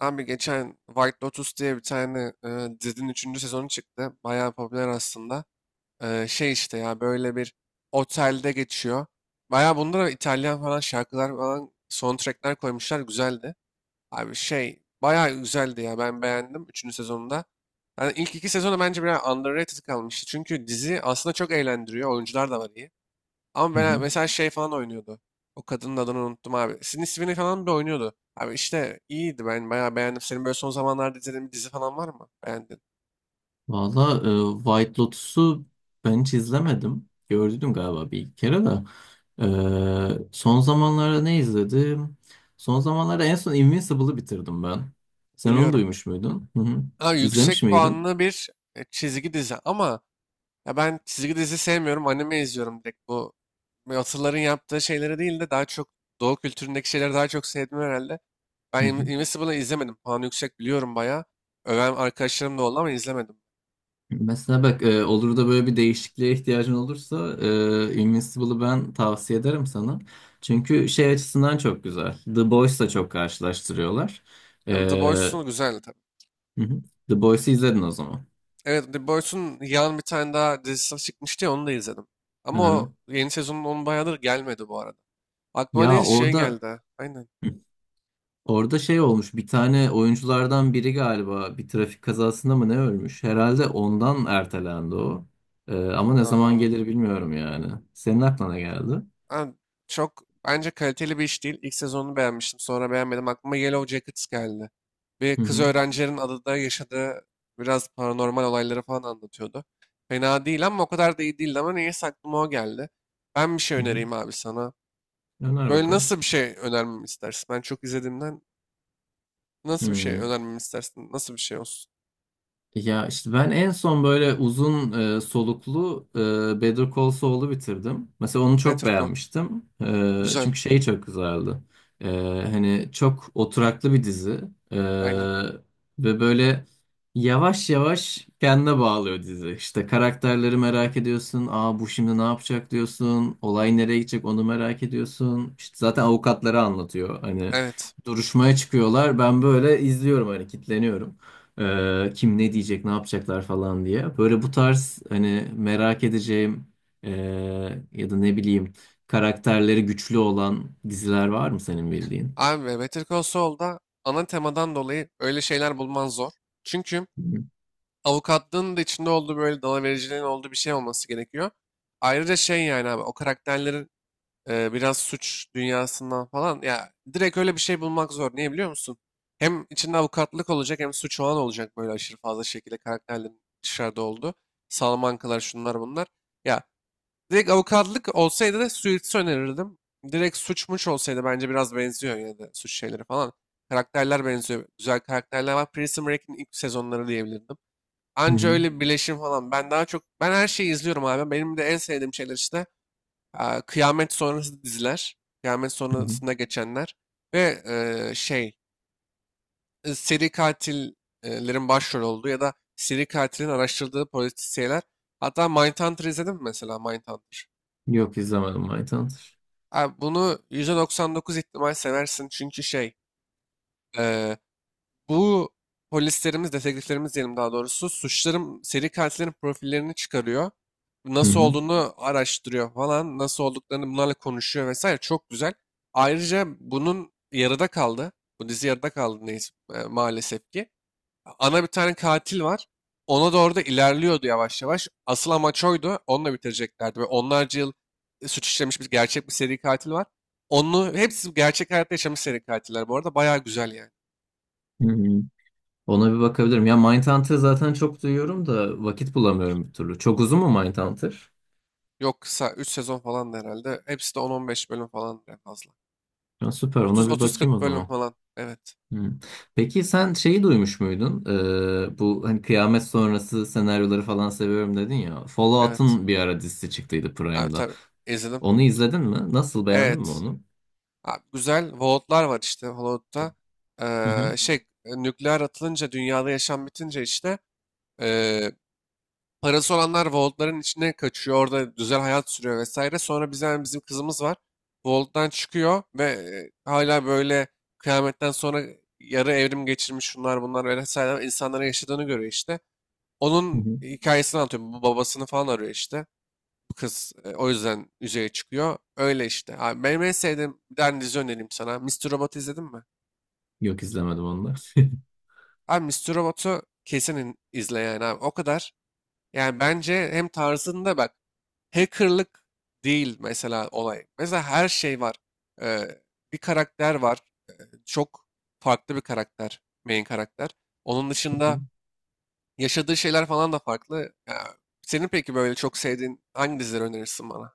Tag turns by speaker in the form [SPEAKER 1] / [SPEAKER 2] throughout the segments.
[SPEAKER 1] Abi geçen White Lotus diye bir tane dizinin 3. sezonu çıktı. Bayağı popüler aslında. Şey işte ya böyle bir otelde geçiyor. Bayağı bunda da İtalyan falan şarkılar falan soundtrackler koymuşlar. Güzeldi. Abi şey bayağı güzeldi ya ben beğendim üçüncü sezonunda. Yani ilk iki sezonu bence biraz underrated kalmıştı. Çünkü dizi aslında çok eğlendiriyor. Oyuncular da var iyi. Ama
[SPEAKER 2] Hı
[SPEAKER 1] ben
[SPEAKER 2] hı.
[SPEAKER 1] mesela şey falan oynuyordu. O kadının adını unuttum abi. Sydney Sweeney falan bile oynuyordu. Abi işte iyiydi ben bayağı beğendim. Senin böyle son zamanlarda izlediğin bir dizi falan var mı? Beğendin.
[SPEAKER 2] Valla White Lotus'u ben hiç izlemedim. Gördüm galiba bir iki kere de. Son zamanlarda ne izledim? Son zamanlarda en son Invincible'ı bitirdim ben. Sen onu
[SPEAKER 1] Biliyorum.
[SPEAKER 2] duymuş muydun? Hı hı.
[SPEAKER 1] Abi
[SPEAKER 2] İzlemiş
[SPEAKER 1] yüksek
[SPEAKER 2] miydin?
[SPEAKER 1] puanlı bir çizgi dizi ama ya ben çizgi dizi sevmiyorum. Anime izliyorum direkt bu. Yatırların yaptığı şeyleri değil de daha çok Doğu kültüründeki şeyleri daha çok sevdim herhalde. Ben
[SPEAKER 2] Hı hı.
[SPEAKER 1] Invincible'ı izlemedim. Puanı yüksek biliyorum bayağı. Öven arkadaşlarım da oldu ama izlemedim.
[SPEAKER 2] Mesela bak, olur da böyle bir değişikliğe ihtiyacın olursa Invincible'ı ben tavsiye ederim sana. Çünkü şey açısından çok güzel. The Boys'la çok karşılaştırıyorlar. E,
[SPEAKER 1] Yani The
[SPEAKER 2] hı
[SPEAKER 1] Boys'un güzeldi tabii.
[SPEAKER 2] hı. The Boys'u izledin o zaman.
[SPEAKER 1] Evet, The Boys'un yan bir tane daha dizisi çıkmıştı ya onu da izledim.
[SPEAKER 2] Hı
[SPEAKER 1] Ama
[SPEAKER 2] hı.
[SPEAKER 1] o yeni sezonun onun bayağıdır gelmedi bu arada. Aklıma
[SPEAKER 2] Ya
[SPEAKER 1] ne şey
[SPEAKER 2] orada
[SPEAKER 1] geldi. Aynen.
[SPEAKER 2] Hı. orada şey olmuş, bir tane oyunculardan biri galiba bir trafik kazasında mı ne ölmüş? Herhalde ondan ertelendi o. Ama ne zaman
[SPEAKER 1] Aa,
[SPEAKER 2] gelir bilmiyorum yani. Senin aklına geldi.
[SPEAKER 1] ha, çok bence kaliteli bir iş değil. İlk sezonunu beğenmiştim. Sonra beğenmedim. Aklıma Yellow Jackets geldi. Bir
[SPEAKER 2] Hı
[SPEAKER 1] kız
[SPEAKER 2] hı.
[SPEAKER 1] öğrencilerin adada yaşadığı biraz paranormal olayları falan anlatıyordu. Fena değil ama o kadar da iyi değildi ama neyse aklıma o geldi. Ben bir şey
[SPEAKER 2] Hı hı.
[SPEAKER 1] önereyim abi sana.
[SPEAKER 2] Öner
[SPEAKER 1] Böyle
[SPEAKER 2] bakalım.
[SPEAKER 1] nasıl bir şey önermemi istersin? Ben çok izlediğimden nasıl bir şey
[SPEAKER 2] Hı.
[SPEAKER 1] önermemi istersin? Nasıl bir şey olsun?
[SPEAKER 2] Ya işte ben en son böyle uzun soluklu Better Call Saul'u bitirdim. Mesela onu çok
[SPEAKER 1] Better Call.
[SPEAKER 2] beğenmiştim.
[SPEAKER 1] Güzel.
[SPEAKER 2] Çünkü şey çok güzeldi. E, hani çok oturaklı bir dizi. E,
[SPEAKER 1] Aynen.
[SPEAKER 2] ve böyle yavaş yavaş kendine bağlıyor dizi. İşte karakterleri merak ediyorsun. Aa, bu şimdi ne yapacak diyorsun. Olay nereye gidecek onu merak ediyorsun. İşte zaten avukatları anlatıyor. Hani
[SPEAKER 1] Evet.
[SPEAKER 2] duruşmaya çıkıyorlar. Ben böyle izliyorum hani kitleniyorum. Kim ne diyecek, ne yapacaklar falan diye. Böyle bu tarz hani merak edeceğim, ee, ya da ne bileyim karakterleri güçlü olan diziler var mı senin bildiğin?
[SPEAKER 1] Abi Better Call Saul'da ana temadan dolayı öyle şeyler bulman zor. Çünkü
[SPEAKER 2] Hı
[SPEAKER 1] avukatlığın da içinde olduğu böyle dalavericiliğin olduğu bir şey olması gerekiyor. Ayrıca şey yani abi o karakterlerin biraz suç dünyasından falan ya direkt öyle bir şey bulmak zor. Niye biliyor musun? Hem içinde avukatlık olacak hem suç falan olacak böyle aşırı fazla şekilde karakterlerin dışarıda olduğu. Salamankalar şunlar bunlar. Ya direkt avukatlık olsaydı da Suits'i önerirdim. Direkt suçmuş olsaydı bence biraz benziyor yine de suç şeyleri falan. Karakterler benziyor. Güzel karakterler var. Prison Break'in ilk sezonları diyebilirdim. Anca
[SPEAKER 2] hı.
[SPEAKER 1] öyle bir birleşim falan. Ben daha çok ben her şeyi izliyorum abi. Benim de en sevdiğim şeyler işte kıyamet sonrası diziler. Kıyamet
[SPEAKER 2] Hı hı.
[SPEAKER 1] sonrasında geçenler. Ve e, şey seri katillerin başrol olduğu ya da seri katilin araştırdığı polisiyeler. Hatta Mindhunter izledim mi mesela Mindhunter?
[SPEAKER 2] Yok izlemedim Mindhunter.
[SPEAKER 1] Abi bunu %99 ihtimal seversin çünkü şey eee, bu polislerimiz, dedektiflerimiz diyelim daha doğrusu suçların, seri katillerin profillerini çıkarıyor.
[SPEAKER 2] Hı
[SPEAKER 1] Nasıl
[SPEAKER 2] hı.
[SPEAKER 1] olduğunu araştırıyor falan, nasıl olduklarını bunlarla konuşuyor vesaire çok güzel. Ayrıca bunun yarıda kaldı. Bu dizi yarıda kaldı neyse, maalesef ki ana bir tane katil var. Ona doğru da ilerliyordu yavaş yavaş. Asıl amaç oydu. Onunla bitireceklerdi. Ve onlarca yıl suç işlemiş bir gerçek bir seri katil var. Onu hepsi gerçek hayatta yaşamış seri katiller bu arada. Bayağı güzel yani.
[SPEAKER 2] Hı hı. Ona bir bakabilirim. Ya Mindhunter zaten çok duyuyorum da vakit bulamıyorum bir türlü. Çok uzun mu Mindhunter?
[SPEAKER 1] Yok kısa 3 sezon falan da herhalde. Hepsi de 10 15 bölüm falan en fazla.
[SPEAKER 2] Ya süper, ona bir bakayım o
[SPEAKER 1] Otuz-otuz-kırk bölüm
[SPEAKER 2] zaman.
[SPEAKER 1] falan. Evet.
[SPEAKER 2] Hmm. Peki sen şeyi duymuş muydun? Bu hani kıyamet sonrası senaryoları falan seviyorum dedin ya.
[SPEAKER 1] Evet.
[SPEAKER 2] Fallout'un bir ara dizisi çıktıydı
[SPEAKER 1] Abi
[SPEAKER 2] Prime'da.
[SPEAKER 1] tabii izledim.
[SPEAKER 2] Onu izledin mi? Nasıl, beğendin mi
[SPEAKER 1] Evet.
[SPEAKER 2] onu?
[SPEAKER 1] Abi, güzel Vault'lar var işte Hollywood'da.
[SPEAKER 2] Hı hı.
[SPEAKER 1] Ee, şey Nükleer atılınca dünyada yaşam bitince işte ee, parası olanlar Volt'ların içine kaçıyor. Orada güzel hayat sürüyor vesaire. Sonra biz yani bizim kızımız var. Vault'tan çıkıyor ve hala böyle kıyametten sonra yarı evrim geçirmiş şunlar bunlar vesaire insanların yaşadığını görüyor işte.
[SPEAKER 2] Hı
[SPEAKER 1] Onun
[SPEAKER 2] hı.
[SPEAKER 1] hikayesini anlatıyor. Bu babasını falan arıyor işte. Bu kız o yüzden yüzeye çıkıyor. Öyle işte. Abi, benim en sevdiğim bir tane dizi önereyim sana. Mister Robot'u izledin mi?
[SPEAKER 2] Yok izlemedim onu da. Hı
[SPEAKER 1] Abi Mister Robot'u kesin izle yani abi. O kadar. Yani bence hem tarzında bak. Hackerlık değil mesela olay. Mesela her şey var. Ee, Bir karakter var. Çok farklı bir karakter. Main karakter. Onun
[SPEAKER 2] hı.
[SPEAKER 1] dışında yaşadığı şeyler falan da farklı. Ya, senin peki böyle çok sevdiğin hangi dizileri önerirsin bana?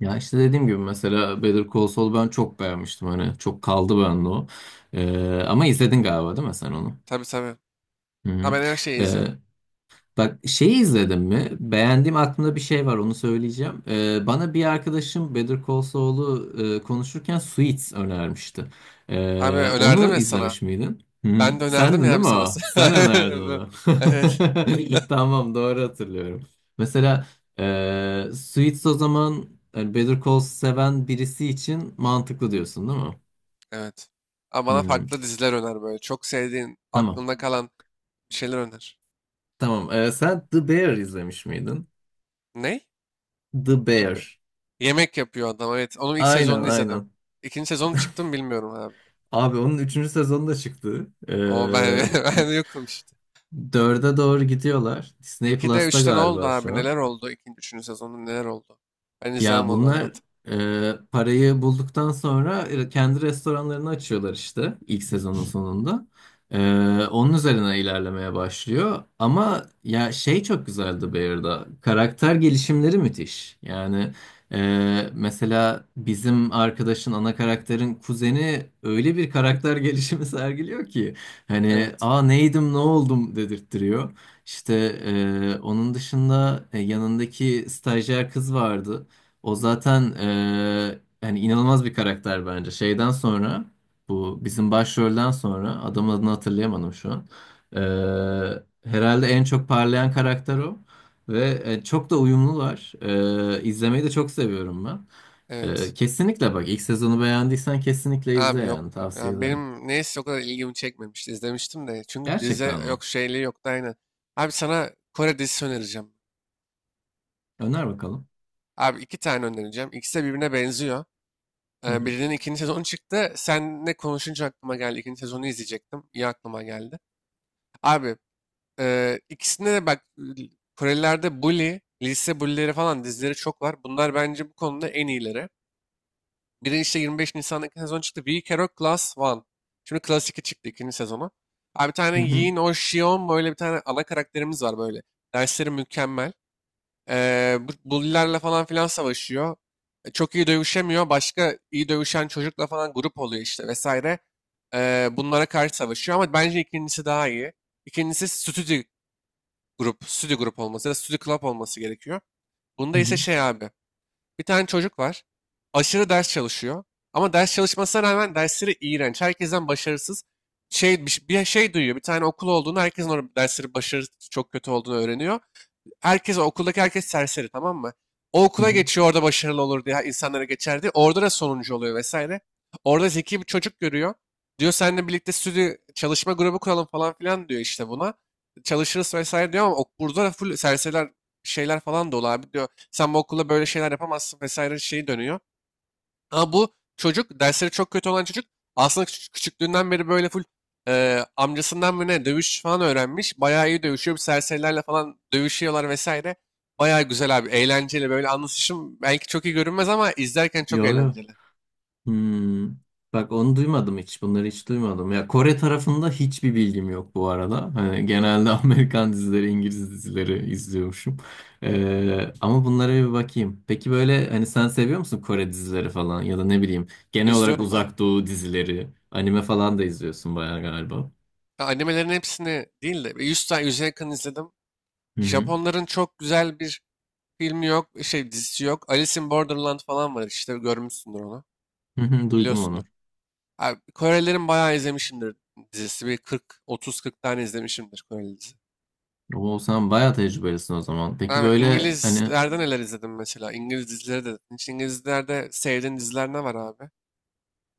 [SPEAKER 2] Ya işte dediğim gibi mesela Better Call Saul ben çok beğenmiştim, hani çok kaldı bende o. Ama izledin galiba değil mi sen onu?
[SPEAKER 1] Tabii tabii.
[SPEAKER 2] Hı
[SPEAKER 1] Ha,
[SPEAKER 2] hı.
[SPEAKER 1] ben her şeyi
[SPEAKER 2] Ee,
[SPEAKER 1] izlerim.
[SPEAKER 2] bak şeyi izledim mi? Beğendiğim aklımda bir şey var, onu söyleyeceğim. Bana bir arkadaşım Better Call Saul'u konuşurken Suits önermişti.
[SPEAKER 1] Abi önerdim
[SPEAKER 2] Onu
[SPEAKER 1] ya sana.
[SPEAKER 2] izlemiş miydin? Hı,
[SPEAKER 1] Ben de
[SPEAKER 2] sendin
[SPEAKER 1] önerdim
[SPEAKER 2] değil
[SPEAKER 1] yani
[SPEAKER 2] mi
[SPEAKER 1] sana.
[SPEAKER 2] o? Sen önerdin onu.
[SPEAKER 1] Evet.
[SPEAKER 2] Tamam, doğru hatırlıyorum. Mesela Suits o zaman, yani Better Call seven birisi için mantıklı diyorsun değil mi?
[SPEAKER 1] Evet. Ama bana
[SPEAKER 2] Hı,
[SPEAKER 1] farklı diziler öner böyle. Çok sevdiğin,
[SPEAKER 2] tamam.
[SPEAKER 1] aklında kalan bir şeyler öner.
[SPEAKER 2] Tamam. Sen The Bear izlemiş miydin?
[SPEAKER 1] Ne?
[SPEAKER 2] The Bear.
[SPEAKER 1] Tabii. Yemek yapıyor adam evet. Onun ilk
[SPEAKER 2] Aynen
[SPEAKER 1] sezonunu izledim.
[SPEAKER 2] aynen.
[SPEAKER 1] İkinci sezonu çıktı mı bilmiyorum abi.
[SPEAKER 2] Abi onun üçüncü sezonu da çıktı.
[SPEAKER 1] O ben, ben yokum işte.
[SPEAKER 2] 4'e doğru gidiyorlar. Disney
[SPEAKER 1] 2'de
[SPEAKER 2] Plus'ta
[SPEAKER 1] 3'te ne oldu
[SPEAKER 2] galiba
[SPEAKER 1] abi?
[SPEAKER 2] şu an.
[SPEAKER 1] Neler oldu? İkinci, üçüncü sezonda neler oldu? Ben
[SPEAKER 2] Ya
[SPEAKER 1] izlemem onu
[SPEAKER 2] bunlar
[SPEAKER 1] anlat.
[SPEAKER 2] parayı bulduktan sonra kendi restoranlarını açıyorlar işte ilk sezonun sonunda. E, onun üzerine ilerlemeye başlıyor. Ama ya şey çok güzeldi Bear'da. Karakter gelişimleri müthiş. Yani mesela bizim arkadaşın ana karakterin kuzeni öyle bir karakter gelişimi sergiliyor ki hani
[SPEAKER 1] Evet.
[SPEAKER 2] aa neydim ne oldum dedirttiriyor. İşte onun dışında yanındaki stajyer kız vardı. O zaten yani inanılmaz bir karakter bence. Şeyden sonra bu bizim başrolden sonra adamın adını hatırlayamadım şu an. Eee, herhalde en çok parlayan karakter o ve çok da uyumlular. İzlemeyi de çok seviyorum ben.
[SPEAKER 1] Evet.
[SPEAKER 2] Kesinlikle bak ilk sezonu beğendiysen kesinlikle izle,
[SPEAKER 1] Abi yok.
[SPEAKER 2] yani tavsiye
[SPEAKER 1] Ya
[SPEAKER 2] ederim.
[SPEAKER 1] benim neyse o kadar ilgimi çekmemişti. İzlemiştim de. Çünkü dizi
[SPEAKER 2] Gerçekten mi?
[SPEAKER 1] yok şeyliği yoktu aynen. Abi sana Kore dizisi önereceğim.
[SPEAKER 2] Öner bakalım.
[SPEAKER 1] Abi iki tane önereceğim. İkisi de birbirine benziyor.
[SPEAKER 2] Hı hı.
[SPEAKER 1] Birinin ikinci sezonu çıktı. Seninle konuşunca aklıma geldi. İkinci sezonu izleyecektim. İyi aklıma geldi. Abi ikisinde de bak Korelilerde bully, lise bully'leri falan dizileri çok var. Bunlar bence bu konuda en iyileri. Biri işte 25 Nisan'daki sezon çıktı. We Care of Class One. Şimdi Class 2 çıktı ikinci sezonu. Abi bir tane
[SPEAKER 2] Hı hı.
[SPEAKER 1] Yin Oh Shion böyle bir tane ana karakterimiz var böyle. Dersleri mükemmel. Bu bully'lerle falan filan savaşıyor. Çok iyi dövüşemiyor. Başka iyi dövüşen çocukla falan grup oluyor işte vesaire. Bunlara karşı savaşıyor ama bence ikincisi daha iyi. İkincisi stüdyo grup, stüdyo grup olması ya da stüdyo club olması gerekiyor.
[SPEAKER 2] Hı
[SPEAKER 1] Bunda ise
[SPEAKER 2] hı.
[SPEAKER 1] şey abi, bir tane çocuk var. Aşırı ders çalışıyor. Ama ders çalışmasına rağmen dersleri iğrenç. Herkesten başarısız. Şey, bir şey duyuyor. Bir tane okul olduğunu, herkesin orada dersleri başarı çok kötü olduğunu öğreniyor herkes okuldaki herkes serseri tamam mı? O
[SPEAKER 2] Hı
[SPEAKER 1] okula
[SPEAKER 2] hı.
[SPEAKER 1] geçiyor orada başarılı olur diye insanlara geçer diye. Orada da sonuncu oluyor vesaire. Orada zeki bir çocuk görüyor. Diyor seninle birlikte stüdyo çalışma grubu kuralım falan filan diyor işte buna. Çalışırız vesaire diyor ama burada da full serseriler şeyler falan dolu abi diyor. Sen bu okulda böyle şeyler yapamazsın vesaire şeyi dönüyor. Ama bu çocuk dersleri çok kötü olan çocuk aslında küçüklüğünden beri böyle full amcasından mı ne dövüş falan öğrenmiş. Bayağı iyi dövüşüyor. Bir serserilerle falan dövüşüyorlar vesaire. Bayağı güzel abi. Eğlenceli böyle anlatışım belki çok iyi görünmez ama izlerken çok
[SPEAKER 2] Yo yo.
[SPEAKER 1] eğlenceli.
[SPEAKER 2] Hmm. Bak onu duymadım hiç. Bunları hiç duymadım. Ya Kore tarafında hiçbir bilgim yok bu arada. Hani genelde Amerikan dizileri, İngiliz dizileri izliyormuşum. Ama bunlara bir bakayım. Peki böyle hani sen seviyor musun Kore dizileri falan, ya da ne bileyim genel olarak
[SPEAKER 1] İzliyorum bayağı.
[SPEAKER 2] Uzak Doğu dizileri, anime falan da izliyorsun bayağı galiba.
[SPEAKER 1] Ya animelerin hepsini değil de bir 100 tane 100'e yakın izledim.
[SPEAKER 2] Hı hı.
[SPEAKER 1] Japonların çok güzel bir filmi yok, şey dizisi yok. Alice in Borderland falan var işte görmüşsündür onu.
[SPEAKER 2] Hı hı, duydum
[SPEAKER 1] Biliyorsundur.
[SPEAKER 2] onu.
[SPEAKER 1] Abi, Korelilerin bayağı izlemişimdir dizisi. Bir 40, 30-40 tane izlemişimdir Koreli dizi.
[SPEAKER 2] O sen bayağı tecrübelisin o zaman. Peki
[SPEAKER 1] Abi,
[SPEAKER 2] böyle hani
[SPEAKER 1] İngilizlerden neler izledim mesela? İngiliz dizileri de. Hiç İngilizlerde sevdiğin diziler ne var abi?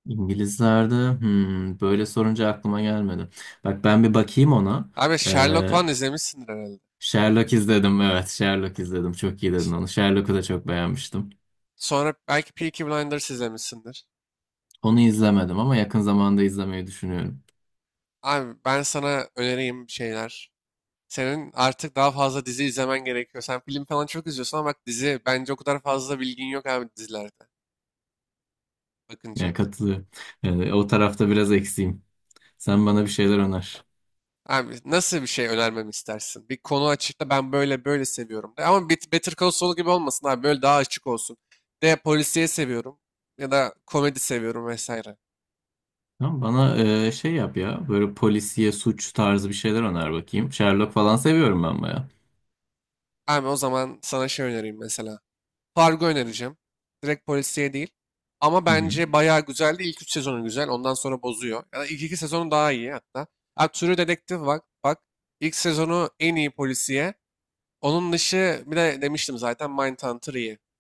[SPEAKER 2] İngilizlerde hmm, böyle sorunca aklıma gelmedi. Bak ben bir bakayım ona.
[SPEAKER 1] Abi Sherlock
[SPEAKER 2] Ee,
[SPEAKER 1] falan izlemişsindir herhalde.
[SPEAKER 2] Sherlock izledim. Evet, Sherlock izledim. Çok iyi dedin onu. Sherlock'u da çok beğenmiştim.
[SPEAKER 1] Sonra belki Peaky Blinders izlemişsindir.
[SPEAKER 2] Onu izlemedim ama yakın zamanda izlemeyi düşünüyorum.
[SPEAKER 1] Abi ben sana önereyim bir şeyler. Senin artık daha fazla dizi izlemen gerekiyor. Sen film falan çok izliyorsun ama bak dizi bence o kadar fazla bilgin yok abi dizilerde bakınca.
[SPEAKER 2] Yani katılıyorum. O tarafta biraz eksiğim. Sen bana bir şeyler öner.
[SPEAKER 1] Abi nasıl bir şey önermemi istersin? Bir konu açıkla ben böyle böyle seviyorum de. Ama Better Call Saul gibi olmasın abi. Böyle daha açık olsun. De polisiye seviyorum. Ya da komedi seviyorum vesaire.
[SPEAKER 2] Tamam, bana şey yap ya. Böyle polisiye, suç tarzı bir şeyler öner bakayım. Sherlock falan seviyorum ben baya.
[SPEAKER 1] Abi o zaman sana şey önereyim mesela. Fargo önereceğim. Direkt polisiye değil. Ama bence bayağı güzeldi. İlk 3 sezonu güzel. Ondan sonra bozuyor. Ya da ilk 2 sezonu daha iyi hatta. Abi True Detective bak. Bak. İlk sezonu en iyi polisiye. Onun dışı bir de demiştim zaten Mindhunter iyi.